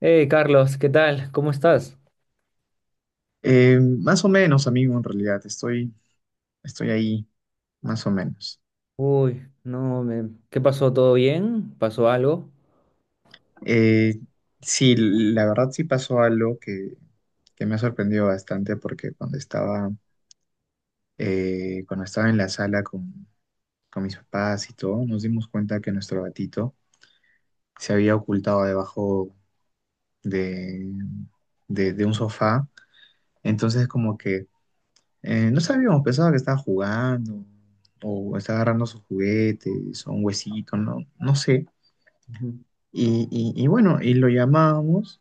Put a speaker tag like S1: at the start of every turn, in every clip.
S1: Hey Carlos, ¿qué tal? ¿Cómo estás?
S2: Más o menos, amigo, en realidad, estoy ahí, más o menos.
S1: Uy, no, me... ¿qué pasó? ¿Todo bien? ¿Pasó algo?
S2: Eh, sí, la verdad sí pasó algo que me ha sorprendido bastante porque cuando cuando estaba en la sala con mis papás y todo, nos dimos cuenta que nuestro gatito se había ocultado debajo de, de, de un sofá. Entonces, como que no sabíamos, pensaba que estaba jugando o estaba agarrando sus juguetes o un huesito, no, no sé.
S1: Ujú.
S2: Y bueno, y lo llamábamos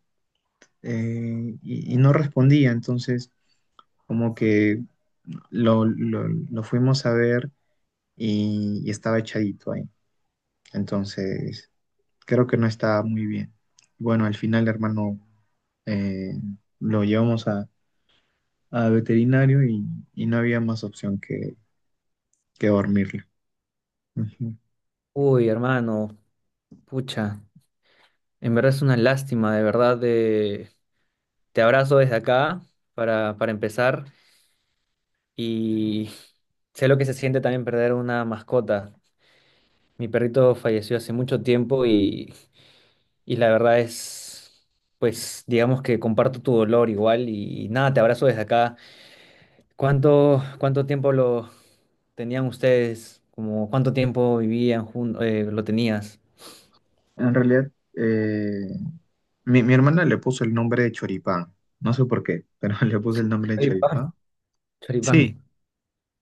S2: y no respondía, entonces como que lo fuimos a ver y estaba echadito ahí. Entonces creo que no estaba muy bien. Bueno, al final, hermano, eh, lo llevamos a veterinario y no había más opción que dormirlo. Ujú.
S1: Uy, hermano, pucha, en verdad es una lástima, de verdad. Te abrazo desde acá para empezar y sé lo que se siente también perder una mascota. Mi perrito falleció hace mucho tiempo y la verdad es, pues, digamos que comparto tu dolor igual y nada, te abrazo desde acá. ¿ Cuánto tiempo lo tenían ustedes? Como, ¿cuánto tiempo vivían juntos? ¿Lo tenías?
S2: En realidad, mi hermana le puso el nombre de Choripán, no sé por qué, pero le puso el nombre de
S1: Choripán.
S2: Choripán.
S1: Choripán.
S2: Sí,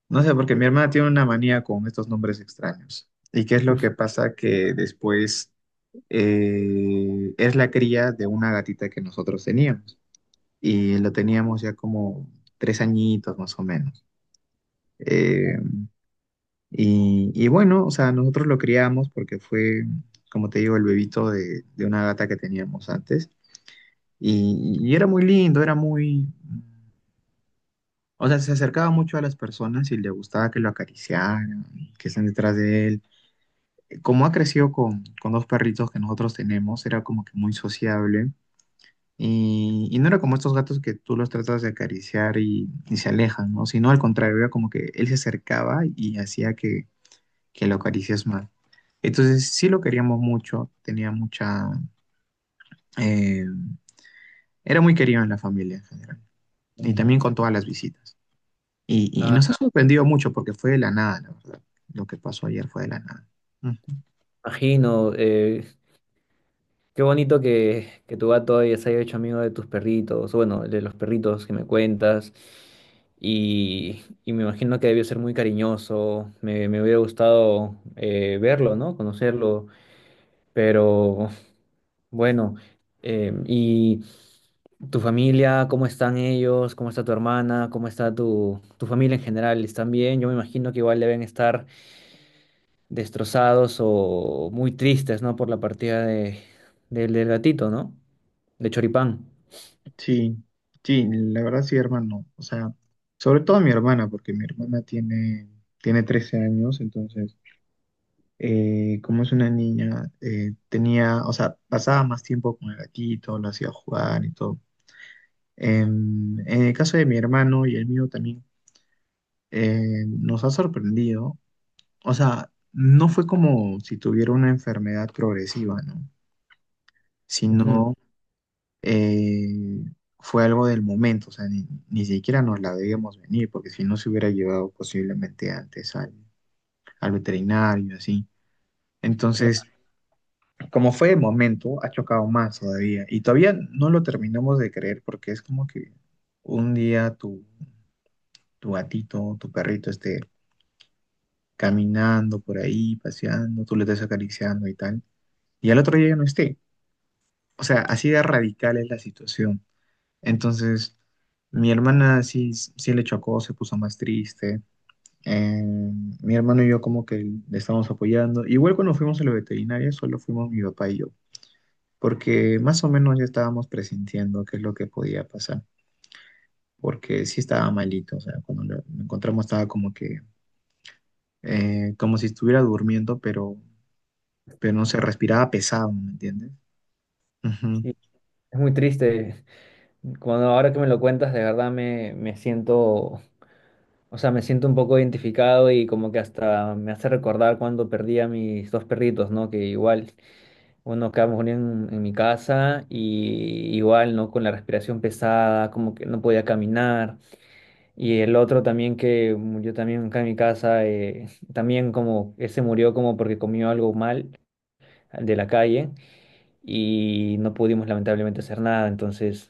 S2: no sé, porque mi hermana tiene una manía con estos nombres extraños. ¿Y qué es lo que pasa? Que después es la cría de una gatita que nosotros teníamos. Y lo teníamos ya como 3 añitos más o menos. Eh, y bueno, o sea, nosotros lo criamos porque fue, como te digo, el bebito de una gata que teníamos antes. Y era muy lindo, era muy... O sea, se acercaba mucho a las personas y le gustaba que lo acariciaran, que estén detrás de él. Como ha crecido con dos perritos que nosotros tenemos, era como que muy sociable y no era como estos gatos que tú los tratas de acariciar y se alejan, ¿no? Sino al contrario, era como que él se acercaba y hacía que lo acaricias más. Entonces sí lo queríamos mucho, tenía mucha... eh, Era muy querido en la familia en general y
S1: Hombre.
S2: también con todas las visitas. Y
S1: Ah,
S2: nos ha sorprendido mucho porque fue de la nada, la verdad. Lo que pasó ayer fue de la nada.
S1: imagino. Qué bonito que tu gato se haya hecho amigo de tus perritos, o bueno, de los perritos que me cuentas. Y me imagino que debió ser muy cariñoso. Me hubiera gustado verlo, ¿no? Conocerlo. Pero bueno, ¿y tu familia? ¿Cómo están ellos? ¿Cómo está tu hermana? ¿Cómo está tu familia en general? ¿Están bien? Yo me imagino que igual deben estar destrozados o muy tristes, ¿no? Por la partida del gatito, ¿no? De Choripán.
S2: Sí, sí, la verdad sí, hermano. O sea, sobre todo mi hermana, porque mi hermana tiene 13 años, entonces, como es una niña, tenía, o sea, pasaba más tiempo con el gatito, lo hacía jugar y todo. En el caso de mi hermano y el mío también, nos ha sorprendido. O sea, no fue como si tuviera una enfermedad progresiva, ¿no?
S1: Ujú.
S2: Sino eh, fue algo del momento, o sea, ni siquiera nos la debíamos venir, porque si no se hubiera llevado posiblemente antes al veterinario, así. Entonces,
S1: Claro.
S2: como fue de momento, ha chocado más todavía. Y todavía no lo terminamos de creer, porque es como que un día tu gatito, tu perrito esté caminando por ahí, paseando, tú le estés acariciando y tal, y al otro día ya no esté. O sea, así de radical es la situación. Entonces, mi hermana sí, sí le chocó, se puso más triste. Eh, Mi hermano y yo como que le estábamos apoyando. Igual cuando fuimos a la veterinaria, solo fuimos mi papá y yo, porque más o menos ya estábamos presintiendo qué es lo que podía pasar, porque sí estaba malito, o sea, cuando lo encontramos estaba como que, como si estuviera durmiendo, pero no se respiraba pesado, ¿me entiendes? Ujú,
S1: Sí, es muy triste. Cuando ahora que me lo cuentas, de verdad me siento, o sea, me siento un poco identificado y como que hasta me hace recordar cuando perdí a mis dos perritos, ¿no? Que igual uno quedamos muriendo en mi casa y igual, ¿no? Con la respiración pesada, como que no podía caminar. Y el otro también que murió también acá en mi casa, también como, él se murió como porque comió algo mal de la calle y no pudimos lamentablemente hacer nada. Entonces,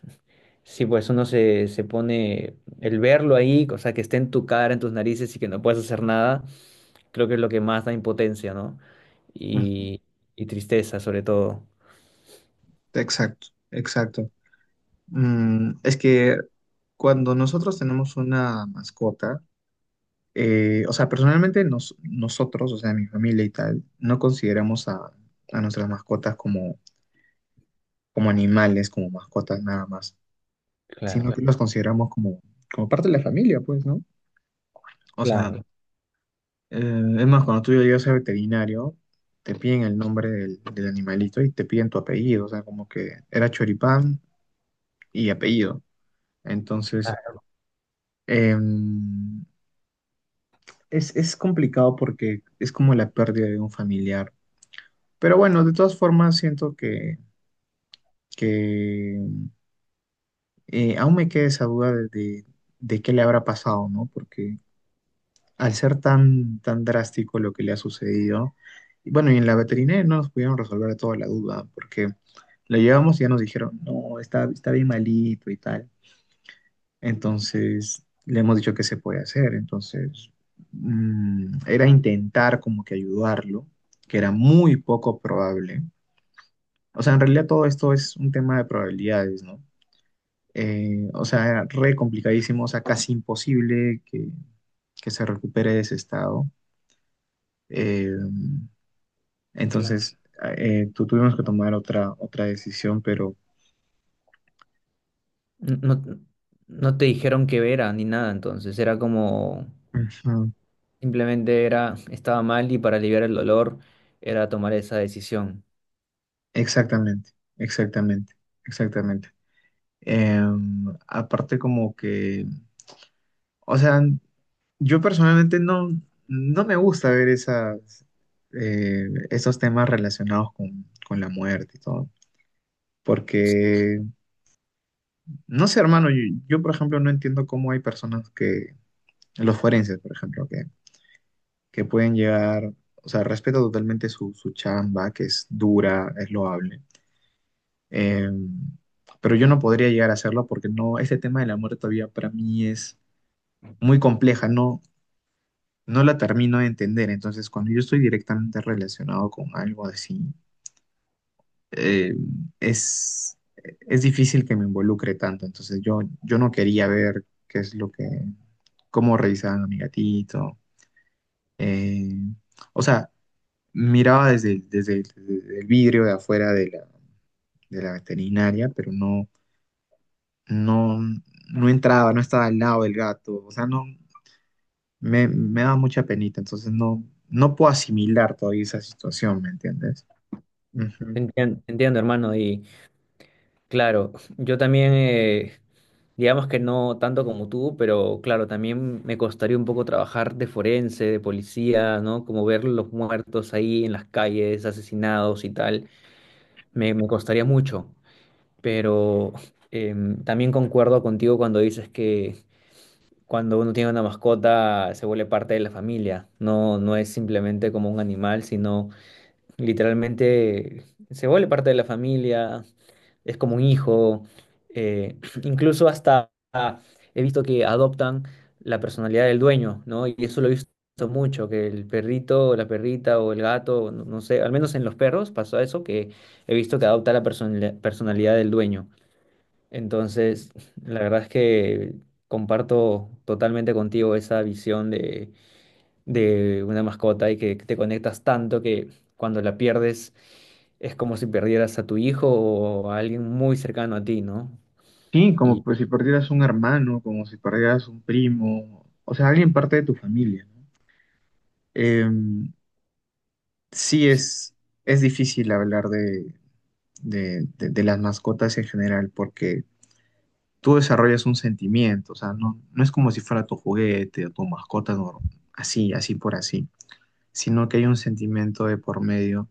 S1: sí, pues uno se pone, el verlo ahí, o sea, que esté en tu cara, en tus narices y que no puedas hacer nada, creo que es lo que más da impotencia, ¿no?
S2: ujú.
S1: Y, y tristeza sobre todo.
S2: Exacto, exacto. Mm, es que cuando nosotros tenemos una mascota, o sea, personalmente nosotros, o sea, mi familia y tal, no consideramos a nuestras mascotas como, como animales, como mascotas nada más, sino
S1: Claro.
S2: que, claro, los consideramos como, como parte de la familia, pues, ¿no? O sea,
S1: Claro,
S2: es más, cuando tú llegas al veterinario, te piden el nombre del animalito y te piden tu apellido, o sea, como que era Choripán y apellido. Entonces,
S1: claro,
S2: em, es complicado porque es como la pérdida de un familiar. Pero bueno, de todas formas, siento que aún me queda esa duda de qué le habrá pasado, ¿no? Porque al ser tan, tan drástico lo que le ha sucedido, y bueno, y en la veterinaria no nos pudieron resolver toda la duda, porque lo llevamos y ya nos dijeron, no, está, está bien malito y tal. Entonces, le hemos dicho que se puede hacer. Entonces, mm, era intentar como que ayudarlo, que era muy poco probable. O sea, en realidad todo esto es un tema de probabilidades, ¿no? O sea, era re complicadísimo, o sea, casi imposible que se recupere de ese estado. Eh,
S1: claro.
S2: entonces, Tuvimos que tomar otra, otra decisión, pero...
S1: No, no te dijeron que era ni nada, entonces era como
S2: Ujú.
S1: simplemente era, estaba mal y para aliviar el dolor era tomar esa decisión.
S2: Exactamente, exactamente, exactamente. Aparte como que, o sea, yo personalmente no, no me gusta ver esas, esos temas relacionados con la muerte y todo. Porque, no sé, hermano, yo, por ejemplo no entiendo cómo hay personas los forenses, por ejemplo, que pueden llegar, o sea, respeto totalmente su, su chamba, que es dura, es loable. eh, pero yo no podría llegar a hacerlo porque no, este tema de la muerte todavía para mí es muy compleja, no, no la termino de entender. Entonces, cuando yo estoy directamente relacionado con algo así, eh, es difícil que me involucre tanto. Entonces, yo no quería ver qué es lo que, cómo revisaban a mi gatito. eh, o sea, Miraba desde el vidrio de afuera de la veterinaria, pero no, no, no entraba, no estaba al lado del gato. O sea, no, me daba mucha penita. Entonces, no, no puedo asimilar todavía esa situación, ¿me entiendes? Ujú.
S1: Te entiendo, hermano, y claro, yo también, digamos que no tanto como tú, pero claro, también me costaría un poco trabajar de forense, de policía, ¿no? Como ver los muertos ahí en las calles, asesinados y tal, me costaría mucho. Pero también concuerdo contigo cuando dices que cuando uno tiene una mascota se vuelve parte de la familia, no, no es simplemente como un animal, sino literalmente se vuelve parte de la familia, es como un hijo, eh, incluso hasta he visto que adoptan la personalidad del dueño, ¿no? Y eso lo he visto mucho, que el perrito o la perrita o el gato, no, no sé, al menos en los perros pasó eso, que he visto que adopta la personalidad del dueño. Entonces, la verdad es que comparto totalmente contigo esa visión de una mascota y que te conectas tanto que cuando la pierdes es como si perdieras a tu hijo o a alguien muy cercano a ti, ¿no?
S2: Sí, como
S1: Y
S2: pues si perdieras un hermano, como si perdieras un primo, o sea, alguien parte de tu familia, ¿no? Em, sí
S1: sí,
S2: es difícil hablar de las mascotas en general porque tú desarrollas un sentimiento, o sea, no, no es como si fuera tu juguete o tu mascota nor- así, así por así, sino que hay un sentimiento de por medio.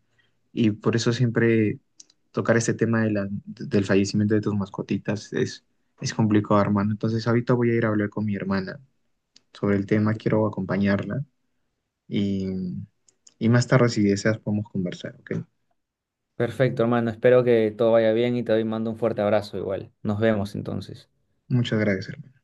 S2: Y por eso siempre tocar este tema de del fallecimiento de tus mascotitas es complicado, hermano. Entonces ahorita voy a ir a hablar con mi hermana sobre el tema, quiero acompañarla y, y más tarde si deseas podemos conversar, ¿ok?
S1: perfecto, hermano, espero que todo vaya bien y mando un fuerte abrazo igual. Nos vemos entonces.
S2: Muchas gracias, hermano.